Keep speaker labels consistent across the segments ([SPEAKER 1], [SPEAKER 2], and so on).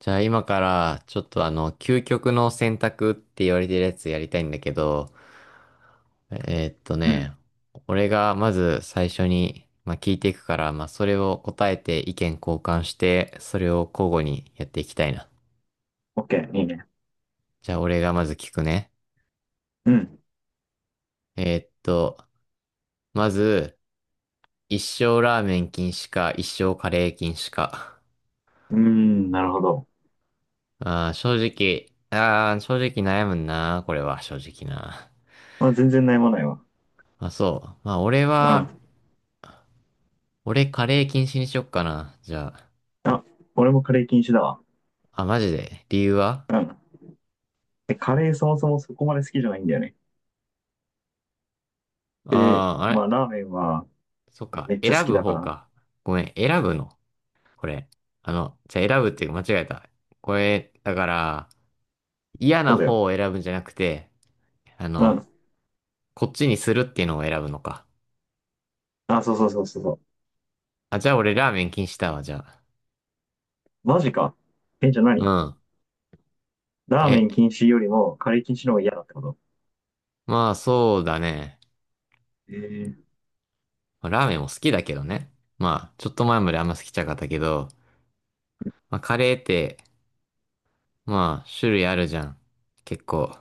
[SPEAKER 1] じゃあ今からちょっとあの、究極の選択って言われてるやつやりたいんだけど、えーっと
[SPEAKER 2] う
[SPEAKER 1] ね、
[SPEAKER 2] ん。
[SPEAKER 1] 俺がまず最初に、聞いていくから、それを答えて意見交換して、それを交互にやっていきたいな。
[SPEAKER 2] オッケー、いいね。
[SPEAKER 1] じゃあ俺がまず聞くね。
[SPEAKER 2] うん。
[SPEAKER 1] えーっと、まず、一生ラーメン禁止か、一生カレー禁止か。
[SPEAKER 2] うーん、なるほど。
[SPEAKER 1] 正直、正直悩むな、これは正直な。
[SPEAKER 2] まあ、全然悩まないわ。
[SPEAKER 1] まあそう。
[SPEAKER 2] うん。
[SPEAKER 1] 俺、カレー禁止にしよっかな。じゃあ。
[SPEAKER 2] あ、俺もカレー禁止だわ。
[SPEAKER 1] あ、マジで。理由は？
[SPEAKER 2] うん。で、カレーそもそもそこまで好きじゃないんだよね。で、
[SPEAKER 1] ああー、あ
[SPEAKER 2] ま
[SPEAKER 1] れ、
[SPEAKER 2] あ、ラーメンは
[SPEAKER 1] そっか。
[SPEAKER 2] めっちゃ好
[SPEAKER 1] 選
[SPEAKER 2] き
[SPEAKER 1] ぶ
[SPEAKER 2] だか
[SPEAKER 1] 方
[SPEAKER 2] ら。
[SPEAKER 1] か。ごめん。選ぶの。これ。あの、じゃあ選ぶっていうか間違えた。これ、だから、嫌な
[SPEAKER 2] そうだよ。
[SPEAKER 1] 方を選ぶんじゃなくて、あ
[SPEAKER 2] う
[SPEAKER 1] の、
[SPEAKER 2] ん。
[SPEAKER 1] こっちにするっていうのを選ぶのか。
[SPEAKER 2] あ、そうそうそうそうそう。
[SPEAKER 1] あ、じゃあ俺ラーメン禁止だわ、じゃあ。
[SPEAKER 2] マジか。え、じゃあ
[SPEAKER 1] う
[SPEAKER 2] 何？
[SPEAKER 1] ん。
[SPEAKER 2] ラーメ
[SPEAKER 1] え、
[SPEAKER 2] ン禁止よりもカレー禁止の方が嫌だってこと？
[SPEAKER 1] まあそうだね。
[SPEAKER 2] ええ、
[SPEAKER 1] まあラーメンも好きだけどね。まあ、ちょっと前まであんま好きじゃなかったけど、まあカレーって、まあ種類あるじゃん。結構。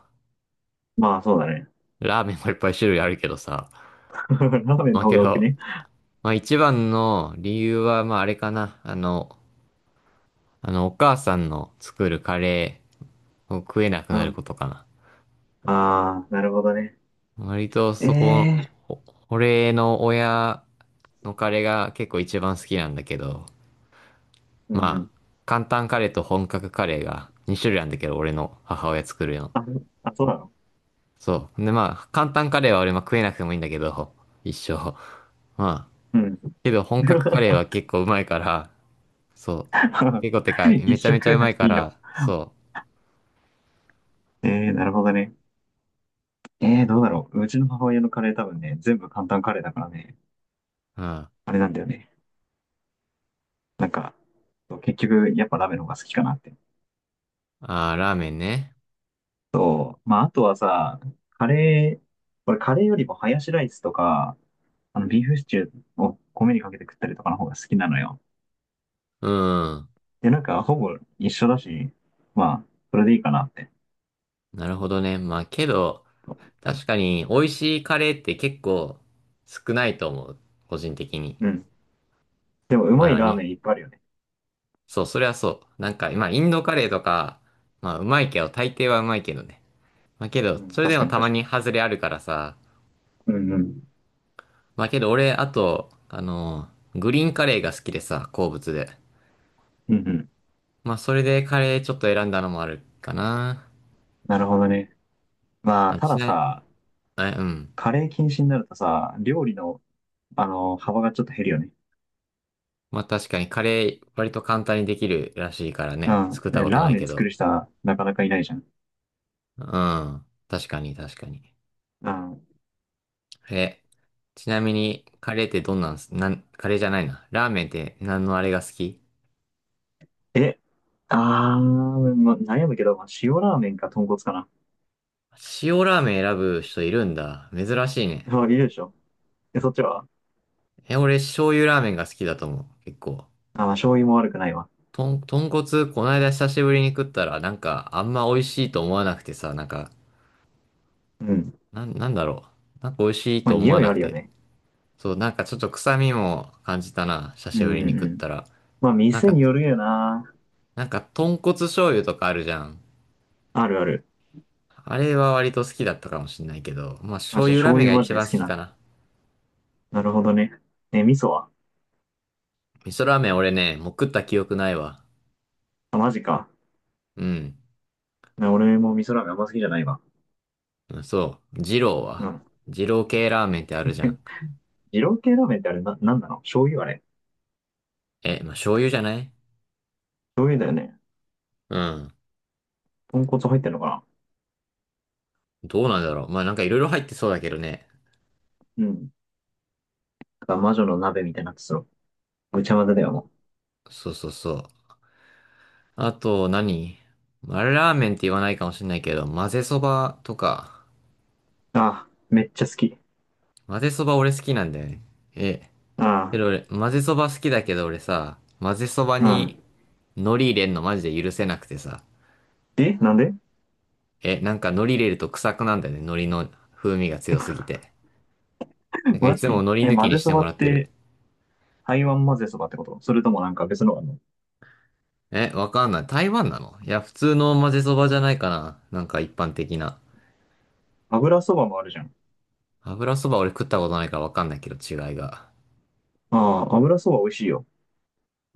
[SPEAKER 2] まあ、そうだね。
[SPEAKER 1] ラーメンもいっぱい種類あるけどさ。
[SPEAKER 2] ラーメン
[SPEAKER 1] まあ
[SPEAKER 2] の方
[SPEAKER 1] け
[SPEAKER 2] が多く
[SPEAKER 1] ど、
[SPEAKER 2] ね？
[SPEAKER 1] まあ一番の理由は、まああれかな。あの、お母さんの作るカレーを食えなく
[SPEAKER 2] う
[SPEAKER 1] なる
[SPEAKER 2] ん。
[SPEAKER 1] ことかな。
[SPEAKER 2] ああ、なるほどね。
[SPEAKER 1] 割と
[SPEAKER 2] え
[SPEAKER 1] そこ、
[SPEAKER 2] え
[SPEAKER 1] お俺の親のカレーが結構一番好きなんだけど、
[SPEAKER 2] ー、うんう
[SPEAKER 1] ま
[SPEAKER 2] ん。
[SPEAKER 1] あ、簡単カレーと本格カレーが2種類あるんだけど、俺の母親作るの。
[SPEAKER 2] あ、あ、そうなの？
[SPEAKER 1] そう。で、まあ、簡単カレーは俺も食えなくてもいいんだけど、一生。まあ、
[SPEAKER 2] うん。
[SPEAKER 1] けど本格カレー は結構うまいから、そう。結構てかい、
[SPEAKER 2] 一
[SPEAKER 1] めちゃ
[SPEAKER 2] 食
[SPEAKER 1] めち
[SPEAKER 2] 食
[SPEAKER 1] ゃ
[SPEAKER 2] え
[SPEAKER 1] う
[SPEAKER 2] な
[SPEAKER 1] ま
[SPEAKER 2] く
[SPEAKER 1] い
[SPEAKER 2] て
[SPEAKER 1] か
[SPEAKER 2] いいの？
[SPEAKER 1] ら、そ
[SPEAKER 2] なるほどね。どうだろう。うちの母親のカレー多分ね、全部簡単カレーだからね、
[SPEAKER 1] う。うん。あ
[SPEAKER 2] あれなんだよね。なんか、そう結局、やっぱラーメンの方が好きかなって。
[SPEAKER 1] あ、ラーメンね。
[SPEAKER 2] そう。まあ、あとはさ、カレー、俺カレーよりもハヤシライスとか、ビーフシチューを米にかけて食ったりとかの方が好きなのよ。
[SPEAKER 1] うん。
[SPEAKER 2] で、なんか、ほぼ一緒だし、まあ、それでいいかなって。
[SPEAKER 1] なるほどね。まあけど、確かに美味しいカレーって結構少ないと思う。個人的に。
[SPEAKER 2] うん。でも、う
[SPEAKER 1] まあ
[SPEAKER 2] まい
[SPEAKER 1] の
[SPEAKER 2] ラー
[SPEAKER 1] に。
[SPEAKER 2] メンいっぱいあるよね。
[SPEAKER 1] そう、それはそう。なんか、まあインドカレーとか、まあうまいけど、大抵はうまいけどね。まあけど、
[SPEAKER 2] うん、
[SPEAKER 1] それで
[SPEAKER 2] 確か
[SPEAKER 1] も
[SPEAKER 2] に
[SPEAKER 1] たま
[SPEAKER 2] 確か
[SPEAKER 1] に
[SPEAKER 2] に。
[SPEAKER 1] 外れあるからさ。
[SPEAKER 2] うんうん。
[SPEAKER 1] まあけど俺、あと、グリーンカレーが好きでさ、好物で。
[SPEAKER 2] うんうん。
[SPEAKER 1] まあそれでカレーちょっと選んだのもあるかな。
[SPEAKER 2] なるほどね。まあ、
[SPEAKER 1] まあ、
[SPEAKER 2] た
[SPEAKER 1] ち
[SPEAKER 2] だ
[SPEAKER 1] な、
[SPEAKER 2] さ、
[SPEAKER 1] え、うん。
[SPEAKER 2] カレー禁止になるとさ、料理の、幅がちょっと減るよね。
[SPEAKER 1] まあ確かにカレー割と簡単にできるらしいから
[SPEAKER 2] う
[SPEAKER 1] ね。
[SPEAKER 2] ん。
[SPEAKER 1] 作ったこと
[SPEAKER 2] ラー
[SPEAKER 1] ない
[SPEAKER 2] メン
[SPEAKER 1] け
[SPEAKER 2] 作
[SPEAKER 1] ど。
[SPEAKER 2] る人はなかなかいないじゃん。
[SPEAKER 1] うん。確かに確かに。
[SPEAKER 2] うん。
[SPEAKER 1] え、ちなみにカレーってどんなんす、なん、カレーじゃないな。ラーメンって何のあれが好き？
[SPEAKER 2] え、あー、ま、悩むけど、まあ、塩ラーメンか豚骨かな。
[SPEAKER 1] 塩ラーメン選ぶ人いるんだ。珍しいね。
[SPEAKER 2] まあ、いるでしょ。そっちは？
[SPEAKER 1] え、俺醤油ラーメンが好きだと思う。結構。
[SPEAKER 2] あ、まあ、醤油も悪くないわ。
[SPEAKER 1] とん、豚骨、こないだ久しぶりに食ったら、なんかあんま美味しいと思わなくてさ、なんか、
[SPEAKER 2] うん。
[SPEAKER 1] なん、なんだろう。なんか美味しい
[SPEAKER 2] まあ、
[SPEAKER 1] と思わ
[SPEAKER 2] 匂い
[SPEAKER 1] な
[SPEAKER 2] あ
[SPEAKER 1] く
[SPEAKER 2] るよ
[SPEAKER 1] て、
[SPEAKER 2] ね。
[SPEAKER 1] そう、なんかちょっと臭みも感じたな。久
[SPEAKER 2] うん
[SPEAKER 1] し
[SPEAKER 2] うん
[SPEAKER 1] ぶ
[SPEAKER 2] う
[SPEAKER 1] りに食っ
[SPEAKER 2] ん。
[SPEAKER 1] たら。
[SPEAKER 2] まあ、
[SPEAKER 1] なん
[SPEAKER 2] 店
[SPEAKER 1] か、
[SPEAKER 2] によるよな。
[SPEAKER 1] なんか豚骨醤油とかあるじゃん。
[SPEAKER 2] あるある。
[SPEAKER 1] あれは割と好きだったかもしんないけど、まあ
[SPEAKER 2] あ、
[SPEAKER 1] 醤
[SPEAKER 2] じゃあ
[SPEAKER 1] 油ラー
[SPEAKER 2] 醤
[SPEAKER 1] メン
[SPEAKER 2] 油
[SPEAKER 1] が
[SPEAKER 2] マジ
[SPEAKER 1] 一
[SPEAKER 2] で
[SPEAKER 1] 番
[SPEAKER 2] 好
[SPEAKER 1] 好
[SPEAKER 2] き
[SPEAKER 1] き
[SPEAKER 2] なん
[SPEAKER 1] か
[SPEAKER 2] だ。
[SPEAKER 1] な。
[SPEAKER 2] なるほどね。味噌は？
[SPEAKER 1] 味噌ラーメン俺ね、もう食った記憶ないわ。
[SPEAKER 2] あ、マジか。
[SPEAKER 1] うん。
[SPEAKER 2] 俺も味噌ラーメンあんま好きじゃないわ。
[SPEAKER 1] そう。二郎
[SPEAKER 2] う
[SPEAKER 1] は。
[SPEAKER 2] ん。
[SPEAKER 1] 二郎系ラーメンってあるじゃん。
[SPEAKER 2] 二郎系ラーメンってあれな、なんなの？醤油あれ？
[SPEAKER 1] え、まあ醤油じゃない？
[SPEAKER 2] 醤油だよね。
[SPEAKER 1] うん。
[SPEAKER 2] 豚骨入ってんのかな？
[SPEAKER 1] どうなんだろう。まあなんかいろいろ入ってそうだけどね。
[SPEAKER 2] うん。だから魔女の鍋みたいになってそう。ぐちゃ混ぜだよ、も
[SPEAKER 1] そうそうそう。あと何、まあれラーメンって言わないかもしんないけど、混ぜそばとか。
[SPEAKER 2] う。ああ、めっちゃ好き。
[SPEAKER 1] 混ぜそば俺好きなんだよね。え、
[SPEAKER 2] あ
[SPEAKER 1] けど俺、混ぜそば好きだけど俺さ、混ぜそば
[SPEAKER 2] あ、う
[SPEAKER 1] に海苔入れんのマジで許せなくてさ。
[SPEAKER 2] ん。え、なんで？
[SPEAKER 1] え、なんか海苔入れると臭くなんだよね。海苔の風味が強すぎて。な んかい
[SPEAKER 2] マ
[SPEAKER 1] つも
[SPEAKER 2] ジ？
[SPEAKER 1] 海苔抜き
[SPEAKER 2] 混
[SPEAKER 1] に
[SPEAKER 2] ぜ
[SPEAKER 1] し
[SPEAKER 2] そ
[SPEAKER 1] て
[SPEAKER 2] ば
[SPEAKER 1] もら
[SPEAKER 2] っ
[SPEAKER 1] ってる。
[SPEAKER 2] て、台湾混ぜそばってこと？それともなんか別のがあるの？
[SPEAKER 1] え、わかんない。台湾なの？いや、普通の混ぜそばじゃないかな。なんか一般的な。
[SPEAKER 2] 油そばもあるじゃん。
[SPEAKER 1] 油そば俺食ったことないからわかんないけど違いが。
[SPEAKER 2] ああ、油そば美味しいよ。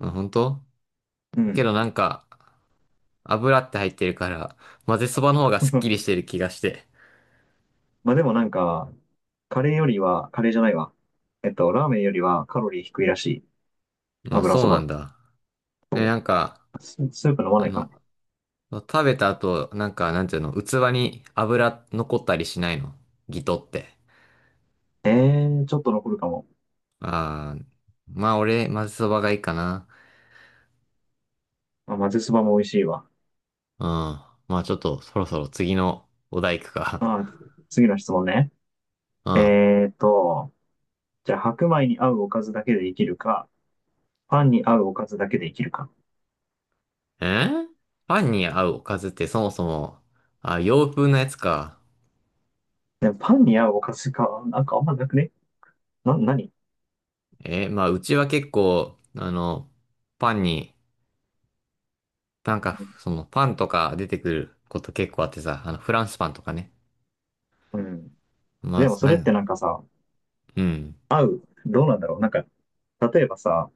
[SPEAKER 1] うん、本当？
[SPEAKER 2] う
[SPEAKER 1] け
[SPEAKER 2] ん。
[SPEAKER 1] どなんか、油って入ってるから、混ぜそばの方がすっきりし てる気がして。
[SPEAKER 2] まあでもなんか、カレーよりは、カレーじゃないわ。ラーメンよりはカロリー低いらしい。
[SPEAKER 1] あ、
[SPEAKER 2] 油
[SPEAKER 1] そ
[SPEAKER 2] そ
[SPEAKER 1] うなん
[SPEAKER 2] ば。
[SPEAKER 1] だ。え、なんか、
[SPEAKER 2] スープ飲ま
[SPEAKER 1] あ
[SPEAKER 2] ないから
[SPEAKER 1] の、
[SPEAKER 2] ね。
[SPEAKER 1] 食べた後、なんか、なんていうの、器に油残ったりしないの？ギトって。
[SPEAKER 2] ええー、ちょっと残るかも。
[SPEAKER 1] ああ、まあ俺、まぜそばがいいかな。
[SPEAKER 2] まあ、まぜそばも美味しいわ。
[SPEAKER 1] うん。まあちょっと、そろそろ次のお題行くか。
[SPEAKER 2] まあ、次の質問ね。
[SPEAKER 1] うん。
[SPEAKER 2] えーと、じゃあ白米に合うおかずだけで生きるか、パンに合うおかずだけで生きるか。
[SPEAKER 1] えー、パンに合うおかずってそもそも、あ、洋風なやつか。
[SPEAKER 2] でもパンに合うおかずか、なんかあんまなくね？何？
[SPEAKER 1] えーまあうちは結構、あの、パンに、なんか、その、パンとか出てくること結構あってさ、あの、フランスパンとかね。
[SPEAKER 2] うん。
[SPEAKER 1] まあ、
[SPEAKER 2] でもそ
[SPEAKER 1] な
[SPEAKER 2] れっ
[SPEAKER 1] ん
[SPEAKER 2] てな
[SPEAKER 1] か、
[SPEAKER 2] んかさ、
[SPEAKER 1] うん。
[SPEAKER 2] どうなんだろう。なんか、例えばさ、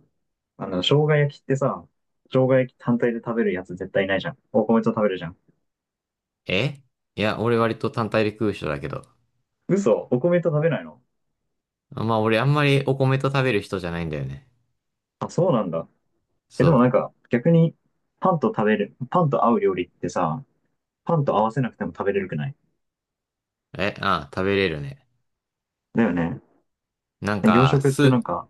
[SPEAKER 2] 生姜焼きってさ、生姜焼き単体で食べるやつ絶対いないじゃん。お米と食べるじゃん。
[SPEAKER 1] え、いや、俺割と単体で食う人だけど。
[SPEAKER 2] 嘘、お米と食べないの？
[SPEAKER 1] まあ俺あんまりお米と食べる人じゃないんだよね。
[SPEAKER 2] あ、そうなんだ。
[SPEAKER 1] そ
[SPEAKER 2] でもなんか、逆に、パンと合う料理ってさ、パンと合わせなくても食べれるくない？
[SPEAKER 1] う。え、ああ、食べれるね。
[SPEAKER 2] だよね。
[SPEAKER 1] なん
[SPEAKER 2] 洋
[SPEAKER 1] か、
[SPEAKER 2] 食ってな
[SPEAKER 1] ス、
[SPEAKER 2] んか、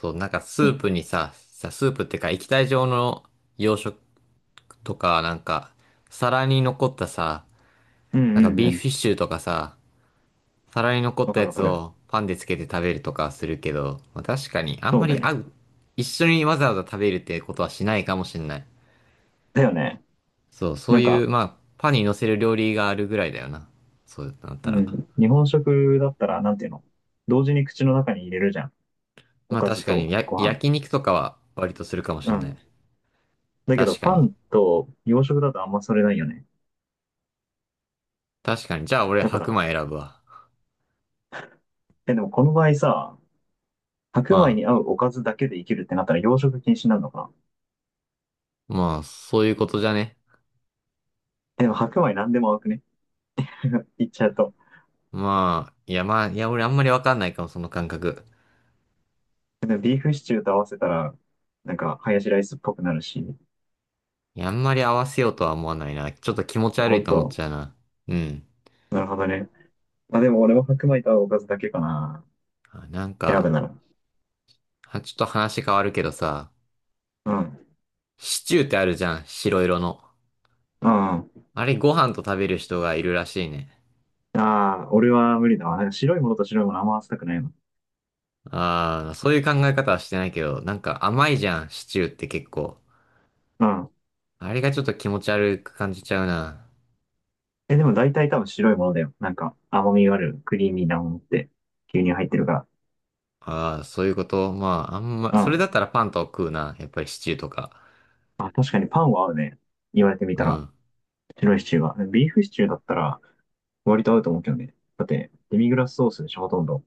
[SPEAKER 1] そう、なんかス
[SPEAKER 2] う
[SPEAKER 1] ー
[SPEAKER 2] ん、
[SPEAKER 1] プにさ、さ、スープってか液体状の洋食とか、なんか、皿に残ったさ、
[SPEAKER 2] うん
[SPEAKER 1] なんか
[SPEAKER 2] うんう
[SPEAKER 1] ビーフ
[SPEAKER 2] ん。
[SPEAKER 1] シチューとかさ、皿に残っ
[SPEAKER 2] わ
[SPEAKER 1] た
[SPEAKER 2] かる
[SPEAKER 1] や
[SPEAKER 2] わか
[SPEAKER 1] つ
[SPEAKER 2] る。
[SPEAKER 1] をパンでつけて食べるとかするけど、まあ確かにあん
[SPEAKER 2] そ
[SPEAKER 1] ま
[SPEAKER 2] うだ
[SPEAKER 1] り
[SPEAKER 2] よね。
[SPEAKER 1] 合う、一緒にわざわざ食べるってことはしないかもしんない。
[SPEAKER 2] だよね。
[SPEAKER 1] そう、そ
[SPEAKER 2] な
[SPEAKER 1] う
[SPEAKER 2] ん
[SPEAKER 1] い
[SPEAKER 2] か、
[SPEAKER 1] う、まあ、パンに乗せる料理があるぐらいだよな。そうなっ
[SPEAKER 2] う
[SPEAKER 1] たら。
[SPEAKER 2] ん、日本食だったら、なんていうの？同時に口の中に入れるじゃん。お
[SPEAKER 1] まあ
[SPEAKER 2] かず
[SPEAKER 1] 確かに、
[SPEAKER 2] と
[SPEAKER 1] や、
[SPEAKER 2] ご飯。
[SPEAKER 1] 焼肉とかは割とするかも
[SPEAKER 2] う
[SPEAKER 1] しんない。
[SPEAKER 2] ん。だけど、
[SPEAKER 1] 確か
[SPEAKER 2] パ
[SPEAKER 1] に。
[SPEAKER 2] ンと洋食だとあんまそれないよね。
[SPEAKER 1] 確かに。じゃあ俺
[SPEAKER 2] だか
[SPEAKER 1] 白
[SPEAKER 2] ら、
[SPEAKER 1] 米選ぶわ。
[SPEAKER 2] でもこの場合さ、白米
[SPEAKER 1] ま
[SPEAKER 2] に合うおかずだけで生きるってなったら洋食禁止になるのかな？
[SPEAKER 1] あ、まあ、そういうことじゃね。
[SPEAKER 2] でも白米なんでも合うくね？言っちゃうと。
[SPEAKER 1] まあ、いやまあ、いや俺あんまりわかんないかも、その感覚。
[SPEAKER 2] でもビーフシチューと合わせたら、なんか、ハヤシライスっぽくなるし、
[SPEAKER 1] いや、あんまり合わせようとは思わないな。ちょっと気持ち悪
[SPEAKER 2] ほ
[SPEAKER 1] い
[SPEAKER 2] ん
[SPEAKER 1] と思っ
[SPEAKER 2] と。
[SPEAKER 1] ちゃうな。うん。
[SPEAKER 2] なるほどね。まあ、でも俺も白米とおかずだけかな。
[SPEAKER 1] あ、なん
[SPEAKER 2] 選ぶ
[SPEAKER 1] か、
[SPEAKER 2] なら。
[SPEAKER 1] あ、ちょっと話変わるけどさ、
[SPEAKER 2] うん。
[SPEAKER 1] シチューってあるじゃん、白色の。
[SPEAKER 2] うん。あ
[SPEAKER 1] あれご飯と食べる人がいるらしいね。
[SPEAKER 2] あ、俺は無理だわ。なんか白いものと白いものあんま合わせたくないの。
[SPEAKER 1] ああ、そういう考え方はしてないけど、なんか甘いじゃん、シチューって結構。
[SPEAKER 2] うん。
[SPEAKER 1] あれがちょっと気持ち悪く感じちゃうな。
[SPEAKER 2] でも大体多分白いものだよ。なんか甘みがある、クリーミーなものって、牛乳入ってるか
[SPEAKER 1] ああ、そういうこと。まあ、あんま、
[SPEAKER 2] ら。う
[SPEAKER 1] それだ
[SPEAKER 2] ん。
[SPEAKER 1] ったらパンと食うな。やっぱりシチューとか。
[SPEAKER 2] あ、確かにパンは合うね。言われてみ
[SPEAKER 1] う
[SPEAKER 2] たら。
[SPEAKER 1] ん。
[SPEAKER 2] 白いシチューは。ビーフシチューだったら割と合うと思うけどね。だって、デミグラスソースでしょ、ほとんど。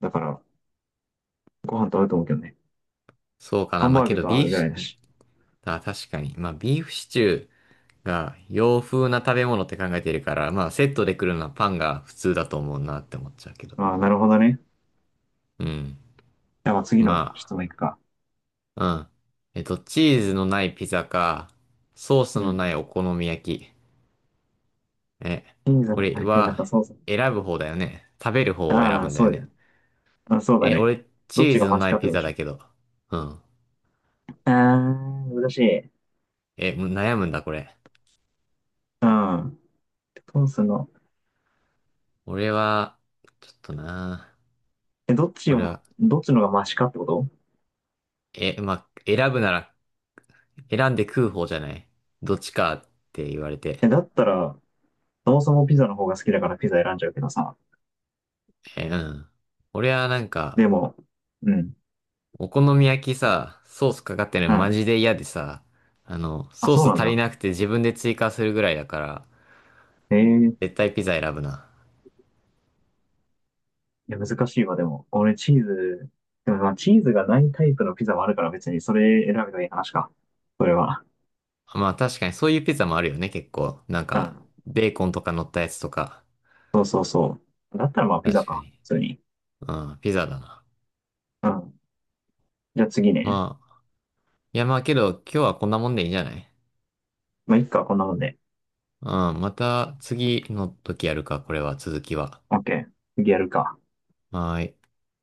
[SPEAKER 2] だから、ご飯と合うと思うけどね。
[SPEAKER 1] そうか
[SPEAKER 2] ハ
[SPEAKER 1] な。
[SPEAKER 2] ン
[SPEAKER 1] まあ
[SPEAKER 2] バー
[SPEAKER 1] け
[SPEAKER 2] グ
[SPEAKER 1] ど、
[SPEAKER 2] と合
[SPEAKER 1] ビー
[SPEAKER 2] う
[SPEAKER 1] フ
[SPEAKER 2] ぐらい
[SPEAKER 1] シ、
[SPEAKER 2] だし。
[SPEAKER 1] あ、確かに。まあ、ビーフシチューが洋風な食べ物って考えてるから、まあ、セットで来るのはパンが普通だと思うなって思っちゃうけど。
[SPEAKER 2] ああ、なるほどね。
[SPEAKER 1] うん。
[SPEAKER 2] じゃあ次の質
[SPEAKER 1] ま
[SPEAKER 2] 問いくか。
[SPEAKER 1] あ、うん。えっと、チーズのないピザか、ソース
[SPEAKER 2] う
[SPEAKER 1] の
[SPEAKER 2] ん。
[SPEAKER 1] ないお好み焼き。え、
[SPEAKER 2] 金座
[SPEAKER 1] こ
[SPEAKER 2] の
[SPEAKER 1] れ
[SPEAKER 2] 体験だ
[SPEAKER 1] は
[SPEAKER 2] からそうそう。
[SPEAKER 1] 選ぶ方だよね。食べる方を選
[SPEAKER 2] あ
[SPEAKER 1] ぶ
[SPEAKER 2] あ、
[SPEAKER 1] んだ
[SPEAKER 2] そ
[SPEAKER 1] よ
[SPEAKER 2] うじゃ
[SPEAKER 1] ね。
[SPEAKER 2] ん。まあ、そうだ
[SPEAKER 1] え、
[SPEAKER 2] ね。
[SPEAKER 1] 俺、チ
[SPEAKER 2] どっ
[SPEAKER 1] ー
[SPEAKER 2] ち
[SPEAKER 1] ズ
[SPEAKER 2] が
[SPEAKER 1] の
[SPEAKER 2] マシ
[SPEAKER 1] な
[SPEAKER 2] か
[SPEAKER 1] い
[SPEAKER 2] って
[SPEAKER 1] ピ
[SPEAKER 2] こと
[SPEAKER 1] ザ
[SPEAKER 2] でしょ。
[SPEAKER 1] だけど。うん。
[SPEAKER 2] ああ、難しい。
[SPEAKER 1] え、む悩むんだ、これ。
[SPEAKER 2] うん。トースの、
[SPEAKER 1] 俺は、ちょっとな。
[SPEAKER 2] え、
[SPEAKER 1] これは、
[SPEAKER 2] どっちのがマシかってこと？
[SPEAKER 1] え、まあ、選ぶなら、選んで食う方じゃない。どっちかって言われて。
[SPEAKER 2] だったら、そもそもピザの方が好きだからピザ選んじゃうけどさ。
[SPEAKER 1] え、うん。俺はなんか、
[SPEAKER 2] でも、うん、
[SPEAKER 1] お好み焼きさ、ソースかかってる
[SPEAKER 2] う
[SPEAKER 1] のマ
[SPEAKER 2] ん。
[SPEAKER 1] ジで嫌でさ、あの、
[SPEAKER 2] あ、
[SPEAKER 1] ソー
[SPEAKER 2] そう
[SPEAKER 1] ス
[SPEAKER 2] なん
[SPEAKER 1] 足り
[SPEAKER 2] だ。
[SPEAKER 1] なくて自分で追加するぐらいだから、
[SPEAKER 2] ええ、
[SPEAKER 1] 絶対ピザ選ぶな。
[SPEAKER 2] いや、難しいわ、でも。俺、チーズ、でもまあ、チーズがないタイプのピザもあるから別にそれ選べばいい話か。それは。
[SPEAKER 1] まあ確かにそういうピザもあるよね、結構。なん
[SPEAKER 2] う
[SPEAKER 1] か、
[SPEAKER 2] ん。
[SPEAKER 1] ベーコンとか乗ったやつとか。
[SPEAKER 2] そうそうそう。だったらまあ、ピザ
[SPEAKER 1] 確か
[SPEAKER 2] か。
[SPEAKER 1] に。
[SPEAKER 2] 普通に。
[SPEAKER 1] うん、ピザだな。
[SPEAKER 2] うん。じゃあ次ね。
[SPEAKER 1] まあ、いやまあけど、今日はこんなもんでいいんじゃない？
[SPEAKER 2] まあ、いっか、こんなもんで。
[SPEAKER 1] うん、また次の時やるか、これは、続きは。
[SPEAKER 2] オッケー。次やるか。
[SPEAKER 1] はーい。